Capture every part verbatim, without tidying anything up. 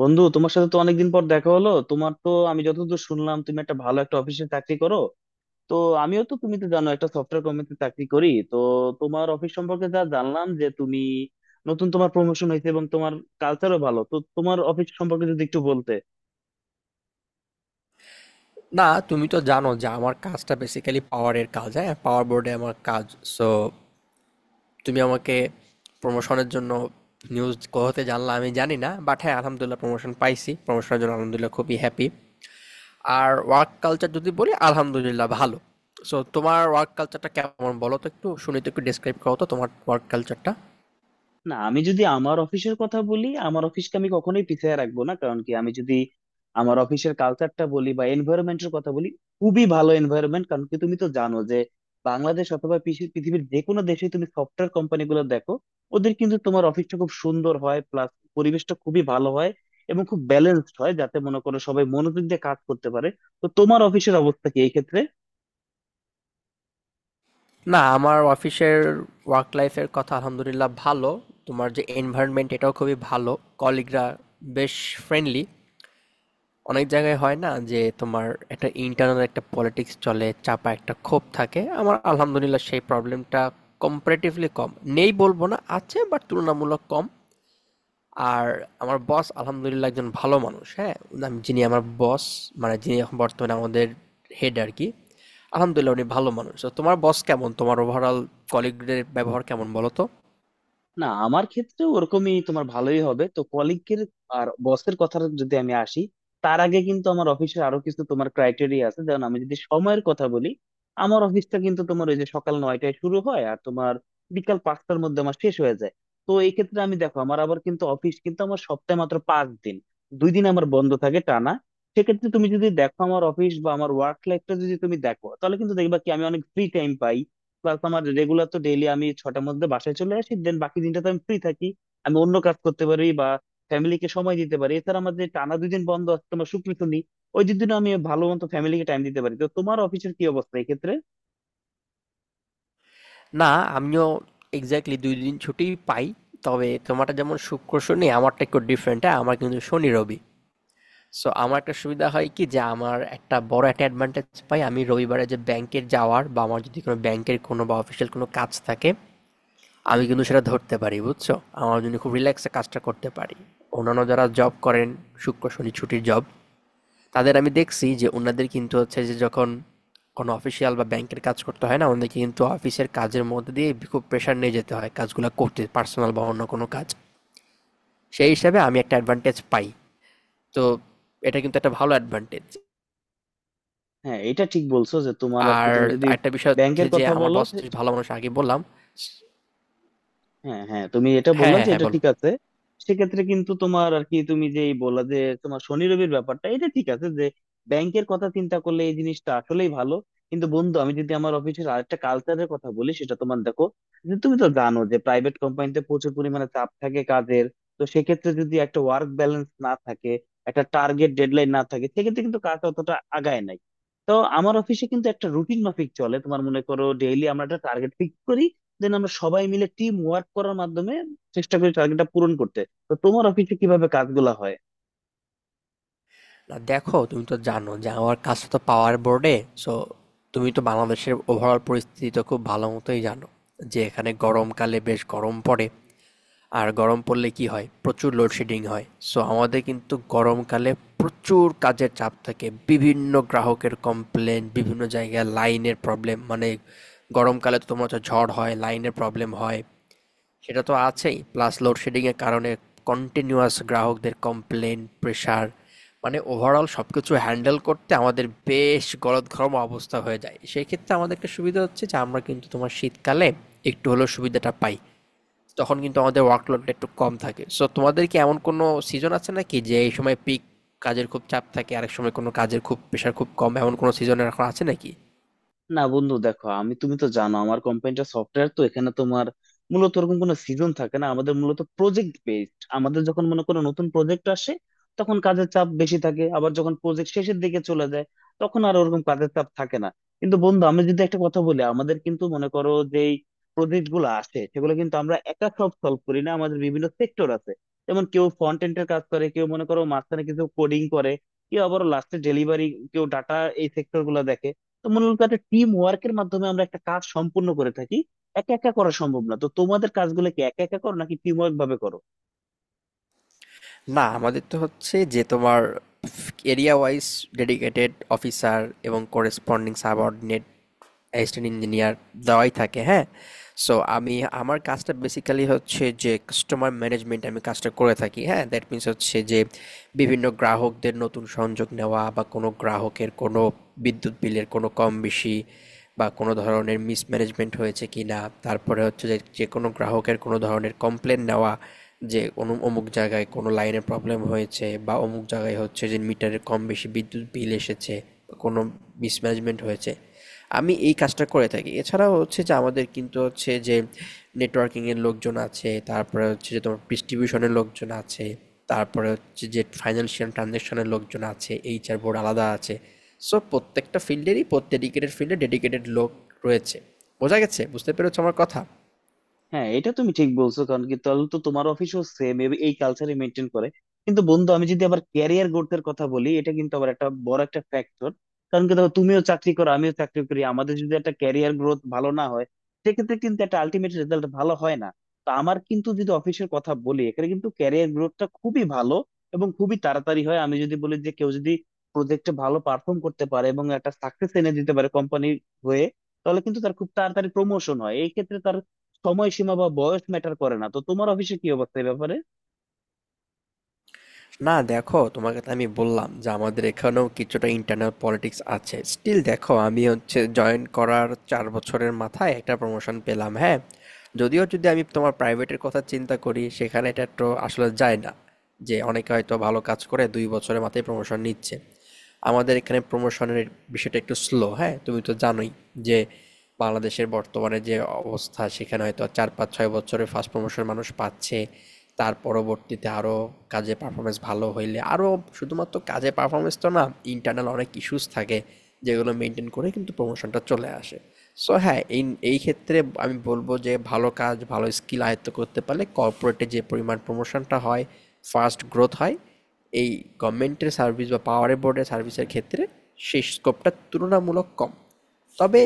বন্ধু, তোমার সাথে তো অনেকদিন পর দেখা হলো। তোমার তো আমি যতদূর শুনলাম তুমি একটা ভালো একটা অফিসে চাকরি করো। তো আমিও তো, তুমি তো জানো, একটা সফটওয়্যার কোম্পানিতে চাকরি করি। তো তোমার অফিস সম্পর্কে যা জানলাম যে তুমি নতুন, তোমার প্রমোশন হয়েছে এবং তোমার কালচারও ভালো। তো তোমার অফিস সম্পর্কে যদি একটু বলতে। না, তুমি তো জানো যে আমার কাজটা বেসিক্যালি পাওয়ারের কাজ, হ্যাঁ? পাওয়ার বোর্ডে আমার কাজ। সো তুমি আমাকে প্রমোশনের জন্য নিউজ কোথাতে জানলা আমি জানি না। বাট হ্যাঁ, আলহামদুলিল্লাহ প্রমোশন পাইছি। প্রমোশনের জন্য আলহামদুলিল্লাহ খুবই হ্যাপি। আর ওয়ার্ক কালচার যদি বলি আলহামদুলিল্লাহ ভালো। সো তোমার ওয়ার্ক কালচারটা কেমন বলো তো একটু? শুনি তো একটু ডেসক্রাইব করো তো তোমার ওয়ার্ক কালচারটা। না, আমি যদি আমার অফিসের কথা বলি, আমার অফিসকে আমি কখনোই পিছিয়ে রাখবো না। কারণ কি, আমি যদি আমার অফিসের কালচারটা বলি বা এনভায়রনমেন্টের কথা বলি, খুবই ভালো এনভায়রনমেন্ট। কারণ কি তুমি তো জানো যে বাংলাদেশ অথবা পিসি- পৃথিবীর যে কোনো দেশে তুমি সফটওয়্যার কোম্পানি গুলো দেখো, ওদের কিন্তু তোমার অফিসটা খুব সুন্দর হয়, প্লাস পরিবেশটা খুবই ভালো হয় এবং খুব ব্যালেন্সড হয়, যাতে মনে করো সবাই মনোযোগ দিয়ে কাজ করতে পারে। তো তোমার অফিসের অবস্থা কি এই ক্ষেত্রে? না, আমার অফিসের ওয়ার্ক লাইফের কথা আলহামদুলিল্লাহ ভালো। তোমার যে এনভায়রনমেন্ট এটাও খুবই ভালো। কলিগরা বেশ ফ্রেন্ডলি। অনেক জায়গায় হয় না যে তোমার একটা ইন্টারনাল একটা পলিটিক্স চলে, চাপা একটা ক্ষোভ থাকে। আমার আলহামদুলিল্লাহ সেই প্রবলেমটা কম্পারেটিভলি কম, নেই বলবো না, আছে, বাট তুলনামূলক কম। আর আমার বস আলহামদুলিল্লাহ একজন ভালো মানুষ, হ্যাঁ, উনি- যিনি আমার বস, মানে যিনি এখন বর্তমানে আমাদের হেড আর কি, আলহামদুলিল্লাহ উনি ভালো মানুষ। তো তোমার বস কেমন, তোমার ওভারঅল কলিগদের ব্যবহার কেমন বলো তো? না, আমার ক্ষেত্রে ওরকমই তোমার ভালোই হবে তো, কলিগের আর বসের কথা যদি আমি আসি। তার আগে কিন্তু আমার অফিসে আরো কিছু তোমার ক্রাইটেরিয়া আছে, যেমন আমি যদি সময়ের কথা বলি, আমার অফিসটা কিন্তু তোমার ওই যে সকাল নয়টায় শুরু হয় আর তোমার বিকাল পাঁচটার মধ্যে আমার শেষ হয়ে যায়। তো এই ক্ষেত্রে আমি দেখো, আমার আবার কিন্তু অফিস কিন্তু আমার সপ্তাহে মাত্র পাঁচ দিন, দুই দিন আমার বন্ধ থাকে টানা। সেক্ষেত্রে তুমি যদি দেখো আমার অফিস বা আমার ওয়ার্ক লাইফটা যদি তুমি দেখো, তাহলে কিন্তু দেখবা কি আমি অনেক ফ্রি টাইম পাই। প্লাস আমার রেগুলার তো ডেইলি আমি ছটার মধ্যে বাসায় চলে আসি, দেন বাকি দিনটা তো আমি ফ্রি থাকি। আমি অন্য কাজ করতে পারি বা ফ্যামিলিকে সময় দিতে পারি। এছাড়া আমার যে টানা দুই দিন বন্ধ আছে তোমার শুক্র শনি, ওই দুদিনও আমি ভালো মতো ফ্যামিলিকে টাইম দিতে পারি। তো তোমার অফিসের কি অবস্থা এক্ষেত্রে? না, আমিও এক্সাক্টলি দুই দিন ছুটি পাই। তবে তোমারটা যেমন শুক্র শনি, আমারটা একটু ডিফারেন্ট, হ্যাঁ? আমার কিন্তু শনি রবি। সো আমার একটা সুবিধা হয় কি যে আমার একটা বড় একটা অ্যাডভান্টেজ পাই, আমি রবিবারে যে ব্যাংকের যাওয়ার বা আমার যদি কোনো ব্যাংকের কোনো বা অফিসিয়াল কোনো কাজ থাকে, আমি কিন্তু সেটা ধরতে পারি, বুঝছো? আমার জন্য খুব রিল্যাক্সে কাজটা করতে পারি। অন্যান্য যারা জব করেন শুক্র শনি ছুটির জব, তাদের আমি দেখছি যে উনাদের কিন্তু হচ্ছে যে যখন কোনো অফিসিয়াল বা ব্যাংকের কাজ করতে হয়, না, ওনাদেরকে কিন্তু অফিসের কাজের মধ্যে দিয়ে খুব প্রেশার নিয়ে যেতে হয় কাজগুলো করতে, পার্সোনাল বা অন্য কোনো কাজ। সেই হিসাবে আমি একটা অ্যাডভান্টেজ পাই। তো এটা কিন্তু একটা ভালো অ্যাডভান্টেজ। হ্যাঁ, এটা ঠিক বলছো যে তোমার আর কি আর তুমি যদি একটা বিষয় হচ্ছে ব্যাংকের যে কথা আমার বলো। বস ভালো মানুষ, আগে বললাম। হ্যাঁ হ্যাঁ, তুমি এটা হ্যাঁ, বললা, হ্যাঁ, যে হ্যাঁ, এটা বলো। ঠিক আছে। সেক্ষেত্রে কিন্তু তোমার আর কি, তুমি যেই বললা যে তোমার শনি রবির ব্যাপারটা, এটা ঠিক আছে যে ব্যাংকের কথা চিন্তা করলে এই জিনিসটা আসলেই ভালো। কিন্তু বন্ধু আমি যদি আমার অফিসের আরেকটা কালচারের কথা বলি, সেটা তোমার দেখো যে তুমি তো জানো যে প্রাইভেট কোম্পানিতে প্রচুর পরিমাণে চাপ থাকে কাজের। তো সেক্ষেত্রে যদি একটা ওয়ার্ক ব্যালেন্স না থাকে, একটা টার্গেট ডেডলাইন না থাকে, সেক্ষেত্রে কিন্তু কাজ অতটা আগায় নাই। তো আমার অফিসে কিন্তু একটা রুটিন মাফিক চলে, তোমার মনে করো ডেইলি আমরা একটা টার্গেট ফিক্স করি, দেন আমরা সবাই মিলে টিম ওয়ার্ক করার মাধ্যমে চেষ্টা করি টার্গেটটা পূরণ করতে। তো তোমার অফিসে কিভাবে কাজগুলা হয়? না দেখো, তুমি তো জানো যে আমার কাজটা তো পাওয়ার বোর্ডে। সো তুমি তো বাংলাদেশের ওভারঅল পরিস্থিতি তো খুব ভালো মতোই জানো যে এখানে গরমকালে বেশ গরম পড়ে। আর গরম পড়লে কি হয়, প্রচুর লোডশেডিং হয়। সো আমাদের কিন্তু গরমকালে প্রচুর কাজের চাপ থাকে, বিভিন্ন গ্রাহকের কমপ্লেন, বিভিন্ন জায়গায় লাইনের প্রবলেম। মানে গরমকালে তো তোমার হচ্ছে ঝড় হয়, লাইনের প্রবলেম হয়, সেটা তো আছেই, প্লাস লোডশেডিংয়ের কারণে কন্টিনিউয়াস গ্রাহকদের কমপ্লেন, প্রেশার। মানে ওভারঅল সব কিছু হ্যান্ডেল করতে আমাদের বেশ গলদঘর্ম অবস্থা হয়ে যায়। সেই ক্ষেত্রে আমাদের একটা সুবিধা হচ্ছে যে আমরা কিন্তু তোমার শীতকালে একটু হলেও সুবিধাটা পাই, তখন কিন্তু আমাদের ওয়ার্কলোডটা একটু কম থাকে। সো তোমাদের কি এমন কোনো সিজন আছে নাকি যে এই সময় পিক কাজের খুব চাপ থাকে, আরেক সময় কোনো কাজের খুব প্রেশার খুব কম, এমন কোনো সিজন এখন আছে নাকি? না বন্ধু দেখো, আমি তুমি তো জানো আমার কোম্পানিটা সফটওয়্যার, তো এখানে তোমার মূলত ওরকম কোনো সিজন থাকে না। আমাদের মূলত প্রজেক্ট বেসড, আমাদের যখন মনে করো নতুন প্রজেক্ট আসে তখন কাজের চাপ বেশি থাকে, আবার যখন প্রজেক্ট শেষের দিকে চলে যায় তখন আর ওরকম কাজের চাপ থাকে না। কিন্তু বন্ধু আমি যদি একটা কথা বলি, আমাদের কিন্তু মনে করো যেই প্রজেক্ট গুলো আসে সেগুলো কিন্তু আমরা একা সব সলভ করি না, আমাদের বিভিন্ন সেক্টর আছে। যেমন কেউ ফ্রন্ট এন্ড এর কাজ করে, কেউ মনে করো মাঝখানে কিছু কোডিং করে, কেউ আবার লাস্টে ডেলিভারি, কেউ ডাটা, এই সেক্টর গুলো দেখে। তো মূলত একটা টিম ওয়ার্কের মাধ্যমে আমরা একটা কাজ সম্পূর্ণ করে থাকি, একা একা করা সম্ভব না। তো তোমাদের কাজগুলো কি একা একা করো নাকি টিম ওয়ার্ক ভাবে করো? না, আমাদের তো হচ্ছে যে তোমার এরিয়া ওয়াইজ ডেডিকেটেড অফিসার এবং করেসপন্ডিং সাবঅর্ডিনেট অ্যাসিস্ট্যান্ট ইঞ্জিনিয়ার দেওয়াই থাকে, হ্যাঁ। সো আমি, আমার কাজটা বেসিক্যালি হচ্ছে যে কাস্টমার ম্যানেজমেন্ট, আমি কাজটা করে থাকি, হ্যাঁ। দ্যাট মিন্স হচ্ছে যে বিভিন্ন গ্রাহকদের নতুন সংযোগ নেওয়া, বা কোনো গ্রাহকের কোনো বিদ্যুৎ বিলের কোনো কম বেশি বা কোনো ধরনের মিসম্যানেজমেন্ট হয়েছে কি না, তারপরে হচ্ছে যে যে কোনো গ্রাহকের কোনো ধরনের কমপ্লেন নেওয়া, যে কোনো অমুক জায়গায় কোনো লাইনের প্রবলেম হয়েছে বা অমুক জায়গায় হচ্ছে যে মিটারে কম বেশি বিদ্যুৎ বিল এসেছে বা কোনো মিসম্যানেজমেন্ট হয়েছে, আমি এই কাজটা করে থাকি। এছাড়াও হচ্ছে যে আমাদের কিন্তু হচ্ছে যে নেটওয়ার্কিংয়ের লোকজন আছে, তারপরে হচ্ছে যে তোমার ডিস্ট্রিবিউশনের লোকজন আছে, তারপরে হচ্ছে যে ফাইন্যান্সিয়াল ট্রানজ্যাকশনের লোকজন আছে, এইচআর বোর্ড আলাদা আছে। সো প্রত্যেকটা ফিল্ডেরই ডেডিকেটেড ফিল্ডে ডেডিকেটেড লোক রয়েছে। বোঝা গেছে? বুঝতে পেরেছো আমার কথা? হ্যাঁ, এটা তুমি ঠিক বলছো, কারণ কি তাহলে তো তোমার অফিসও সেম এই কালচারই মেনটেন করে। কিন্তু বন্ধু আমি যদি আবার ক্যারিয়ার গ্রোথের কথা বলি, এটা কিন্তু আবার একটা বড় একটা ফ্যাক্টর। কারণ কি দেখো, তুমিও চাকরি করো আমিও চাকরি করি, আমাদের যদি একটা ক্যারিয়ার গ্রোথ ভালো না হয় সেক্ষেত্রে কিন্তু একটা আলটিমেট রেজাল্ট ভালো হয় না। তো আমার কিন্তু যদি অফিসের কথা বলি, এখানে কিন্তু ক্যারিয়ার গ্রোথটা খুবই ভালো এবং খুবই তাড়াতাড়ি হয়। আমি যদি বলি যে কেউ যদি প্রজেক্টে ভালো পারফর্ম করতে পারে এবং একটা সাকসেস এনে দিতে পারে কোম্পানির হয়ে, তাহলে কিন্তু তার খুব তাড়াতাড়ি প্রমোশন হয়। এই ক্ষেত্রে সময়সীমা বা বয়স ম্যাটার করে না। তো তোমার অফিসে কি অবস্থা এই ব্যাপারে? না দেখো, তোমাকে তো আমি বললাম যে আমাদের এখানেও কিছুটা ইন্টারনাল পলিটিক্স আছে, স্টিল দেখো আমি হচ্ছে জয়েন করার চার বছরের মাথায় একটা প্রমোশন পেলাম, হ্যাঁ। যদিও যদি আমি তোমার প্রাইভেটের কথা চিন্তা করি সেখানে এটা তো আসলে যায় না, যে অনেকে হয়তো ভালো কাজ করে দুই বছরের মাথায় প্রমোশন নিচ্ছে। আমাদের এখানে প্রমোশনের বিষয়টা একটু স্লো, হ্যাঁ। তুমি তো জানোই যে বাংলাদেশের বর্তমানে যে অবস্থা, সেখানে হয়তো চার পাঁচ ছয় বছরে ফার্স্ট প্রমোশন মানুষ পাচ্ছে। তার পরবর্তীতে আরও কাজে পারফরমেন্স ভালো হইলে আরও, শুধুমাত্র কাজে পারফরমেন্স তো না, ইন্টারনাল অনেক ইস্যুস থাকে যেগুলো মেনটেন করে কিন্তু প্রমোশনটা চলে আসে। সো হ্যাঁ, এই এই ক্ষেত্রে আমি বলবো যে ভালো কাজ, ভালো স্কিল আয়ত্ত করতে পারলে কর্পোরেটে যে পরিমাণ প্রমোশনটা হয়, ফাস্ট গ্রোথ হয়, এই গভর্নমেন্টের সার্ভিস বা পাওয়ার বোর্ডের সার্ভিসের ক্ষেত্রে সেই স্কোপটা তুলনামূলক কম। তবে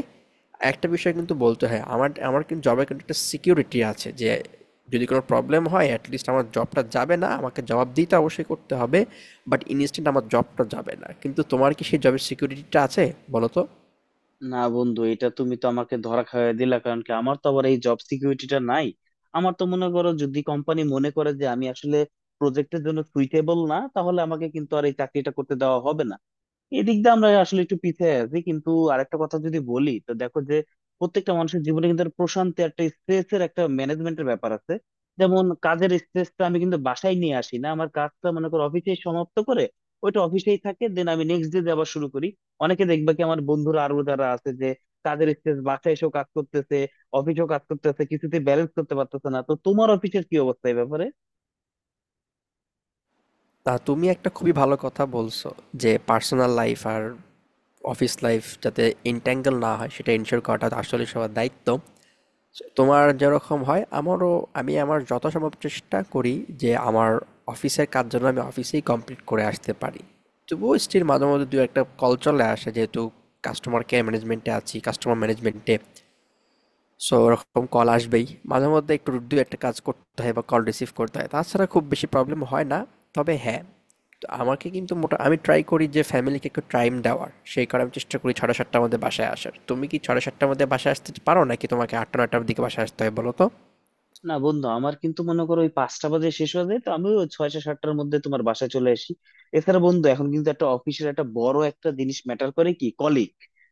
একটা বিষয় কিন্তু বলতে হয়, আমার আমার কিন্তু জবের কিন্তু একটা সিকিউরিটি আছে, যে যদি কোনো প্রবলেম হয় অ্যাটলিস্ট আমার জবটা যাবে না, আমাকে জবাবদিহিতা অবশ্যই করতে হবে বাট ইনস্ট্যান্ট আমার জবটা যাবে না। কিন্তু তোমার কি সেই জবের সিকিউরিটিটা আছে, বলো তো? না বন্ধু, এটা তুমি তো আমাকে ধরা খাইয়ে দিলা। কারণ কি আমার তো আবার এই জব সিকিউরিটিটা নাই। আমার তো মনে করো যদি কোম্পানি মনে করে যে আমি আসলে প্রজেক্টের জন্য সুইটেবল না, তাহলে আমাকে কিন্তু আর এই চাকরিটা করতে দেওয়া হবে না। এদিক দিয়ে আমরা আসলে একটু পিছিয়ে আছি। কিন্তু আরেকটা কথা যদি বলি, তো দেখো যে প্রত্যেকটা মানুষের জীবনে কিন্তু একটা প্রশান্তি, একটা স্ট্রেস এর একটা ম্যানেজমেন্টের ব্যাপার আছে। যেমন কাজের স্ট্রেসটা আমি কিন্তু বাসায় নিয়ে আসি না, আমার কাজটা মনে করো অফিসে সমাপ্ত করে ওইটা অফিসেই থাকে, দেন আমি নেক্সট ডে আবার শুরু করি। অনেকে দেখবা কি, আমার বন্ধুরা আরো যারা আছে যে কাজের স্ট্রেস বাসায় এসেও কাজ করতেছে, অফিসেও কাজ করতেছে, কিছুতে ব্যালেন্স করতে পারতেছে না। তো তোমার অফিসের কি অবস্থা এই ব্যাপারে? তা তুমি একটা খুবই ভালো কথা বলছো যে পার্সোনাল লাইফ আর অফিস লাইফ যাতে ইন্ট্যাঙ্গল না হয় সেটা ইনশিওর করাটা আসলে সবার দায়িত্ব। তোমার যেরকম হয় আমারও। আমি আমার যথাসম্ভব চেষ্টা করি যে আমার অফিসের কাজ যেন আমি অফিসেই কমপ্লিট করে আসতে পারি। তবুও স্টিল মাঝে মধ্যে দু একটা কল চলে আসে, যেহেতু কাস্টমার কেয়ার ম্যানেজমেন্টে আছি, কাস্টমার ম্যানেজমেন্টে। সো ওরকম কল আসবেই, মাঝে মধ্যে একটু দু একটা কাজ করতে হয় বা কল রিসিভ করতে হয়, তাছাড়া খুব বেশি প্রবলেম হয় না। তবে হ্যাঁ, তো আমাকে কিন্তু মোটা আমি ট্রাই করি যে ফ্যামিলিকে একটু টাইম দেওয়ার, সেই কারণে আমি চেষ্টা করি ছটা সাতটার মধ্যে বাসায় আসার। তুমি কি ছটা সাতটার মধ্যে বাসায় আসতে পারো নাকি তোমাকে আটটা নয়টার দিকে বাসায় আসতে হয়, বলো তো? না বন্ধু, আমার কিন্তু মনে করো ওই পাঁচটা বাজে শেষ হয়ে যায়, তো আমি ওই ছয়টা সাতটার মধ্যে তোমার বাসায় চলে আসি। এছাড়া বন্ধু এখন কিন্তু একটা অফিসের একটা বড় একটা জিনিস ম্যাটার করে কি, কলিগ।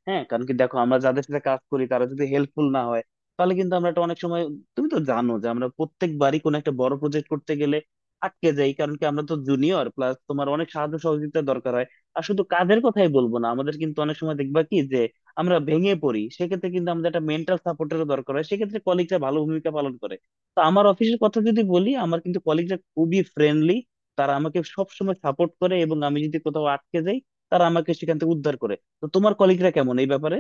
হ্যাঁ, কারণ কি দেখো, আমরা যাদের সাথে কাজ করি তারা যদি হেল্পফুল না হয়, তাহলে কিন্তু আমরা একটা অনেক সময়, তুমি তো জানো যে আমরা প্রত্যেকবারই কোনো একটা বড় প্রজেক্ট করতে গেলে আটকে যাই। কারণ কি আমরা তো জুনিয়র, প্লাস তোমার অনেক সাহায্য সহযোগিতা দরকার হয়। আর শুধু কাজের কথাই বলবো না, আমাদের কিন্তু অনেক সময় দেখবা কি যে আমরা ভেঙে পড়ি, সেক্ষেত্রে কিন্তু আমাদের একটা মেন্টাল সাপোর্টেরও দরকার হয়। সেক্ষেত্রে কলিগরা ভালো ভূমিকা পালন করে। তো আমার অফিসের কথা যদি বলি, আমার কিন্তু কলিগরা খুবই ফ্রেন্ডলি, তারা আমাকে সবসময় সাপোর্ট করে এবং আমি যদি কোথাও আটকে যাই তারা আমাকে সেখান থেকে উদ্ধার করে। তো তোমার কলিগরা কেমন এই ব্যাপারে?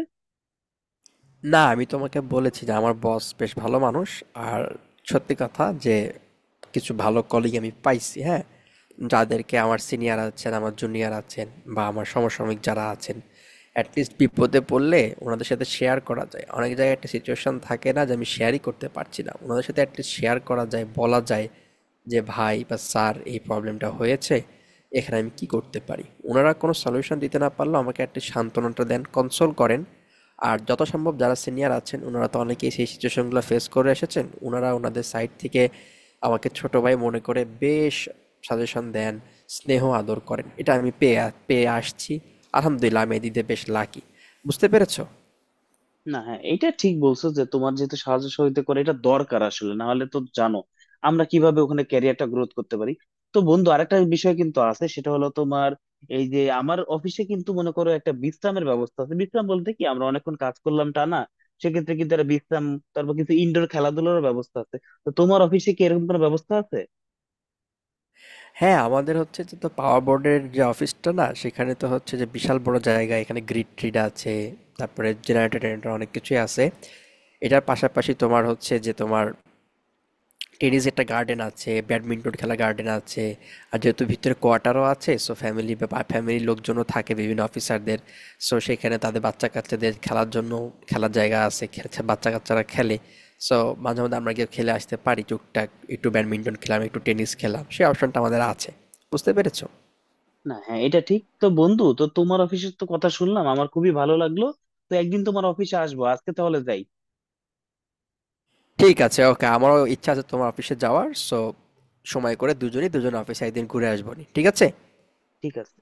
না, আমি তোমাকে বলেছি যে আমার বস বেশ ভালো মানুষ। আর সত্যি কথা যে কিছু ভালো কলিগ আমি পাইছি, হ্যাঁ? যাদেরকে, আমার সিনিয়র আছেন, আমার জুনিয়র আছেন বা আমার সমসাময়িক যারা আছেন, at least বিপদে পড়লে ওনাদের সাথে শেয়ার করা যায়। অনেক জায়গায় একটা সিচুয়েশন থাকে না যে আমি শেয়ারই করতে পারছি না। ওনাদের সাথে at least শেয়ার করা যায়, বলা যায় যে ভাই বা স্যার এই প্রবলেমটা হয়েছে, এখানে আমি কি করতে পারি? ওনারা কোনো সলিউশন দিতে না পারলেও আমাকে একটা সান্ত্বনাটা দেন, কনসোল করেন। আর যত সম্ভব যারা সিনিয়র আছেন উনারা তো অনেকেই সেই সিচুয়েশনগুলো ফেস করে এসেছেন, উনারা ওনাদের সাইড থেকে আমাকে ছোট ভাই মনে করে বেশ সাজেশন দেন, স্নেহ আদর করেন, এটা আমি পেয়ে আ- পেয়ে আসছি। আলহামদুলিল্লাহ আমি এদিকে বেশ লাকি। বুঝতে পেরেছো? না, হ্যাঁ এটা ঠিক বলছো যে তোমার, যেহেতু সাহায্য সহযোগিতা করে, এটা দরকার আসলে, না হলে তো জানো আমরা কিভাবে ওখানে ক্যারিয়ারটা গ্রোথ করতে পারি। তো বন্ধু আরেকটা বিষয় কিন্তু আছে, সেটা হলো তোমার এই যে আমার অফিসে কিন্তু মনে করো একটা বিশ্রামের ব্যবস্থা আছে। বিশ্রাম বলতে কি, আমরা অনেকক্ষণ কাজ করলাম টা না, সেক্ষেত্রে কিন্তু একটা বিশ্রাম, তারপর কিছু ইনডোর খেলাধুলার ব্যবস্থা আছে। তো তোমার অফিসে কি এরকম কোনো ব্যবস্থা আছে? হ্যাঁ, আমাদের হচ্ছে যে তো পাওয়ার বোর্ডের যে অফিসটা না, সেখানে তো হচ্ছে যে বিশাল বড় জায়গা, এখানে গ্রিড ট্রিড আছে, তারপরে জেনারেটর টেনারেটর অনেক কিছুই আছে। এটার পাশাপাশি তোমার হচ্ছে যে তোমার টেনিস একটা গার্ডেন আছে, ব্যাডমিন্টন খেলার গার্ডেন আছে। আর যেহেতু ভিতরে কোয়ার্টারও আছে, সো ফ্যামিলি বা ফ্যামিলির লোকজনও থাকে বিভিন্ন অফিসারদের। সো সেখানে তাদের বাচ্চা কাচ্চাদের খেলার জন্য খেলার জায়গা আছে, খেলছে, বাচ্চা কাচ্চারা খেলে। সো মাঝে মধ্যে আমরা গিয়ে খেলে আসতে পারি টুকটাক, একটু ব্যাডমিন্টন খেলাম, একটু টেনিস খেলাম, সেই অপশনটা আমাদের আছে। বুঝতে পেরেছো? না হ্যাঁ এটা ঠিক। তো বন্ধু, তো তোমার অফিসের তো কথা শুনলাম, আমার খুবই ভালো লাগলো। তো একদিন তোমার অফিসে আসবো, আজকে তাহলে যাই। ঠিক আছে, ওকে, আমারও ইচ্ছা আছে তোমার অফিসে যাওয়ার। সো সময় করে দুজনেই দুজন অফিসে একদিন ঘুরে আসবো নি, ঠিক আছে? ঠিক আছে।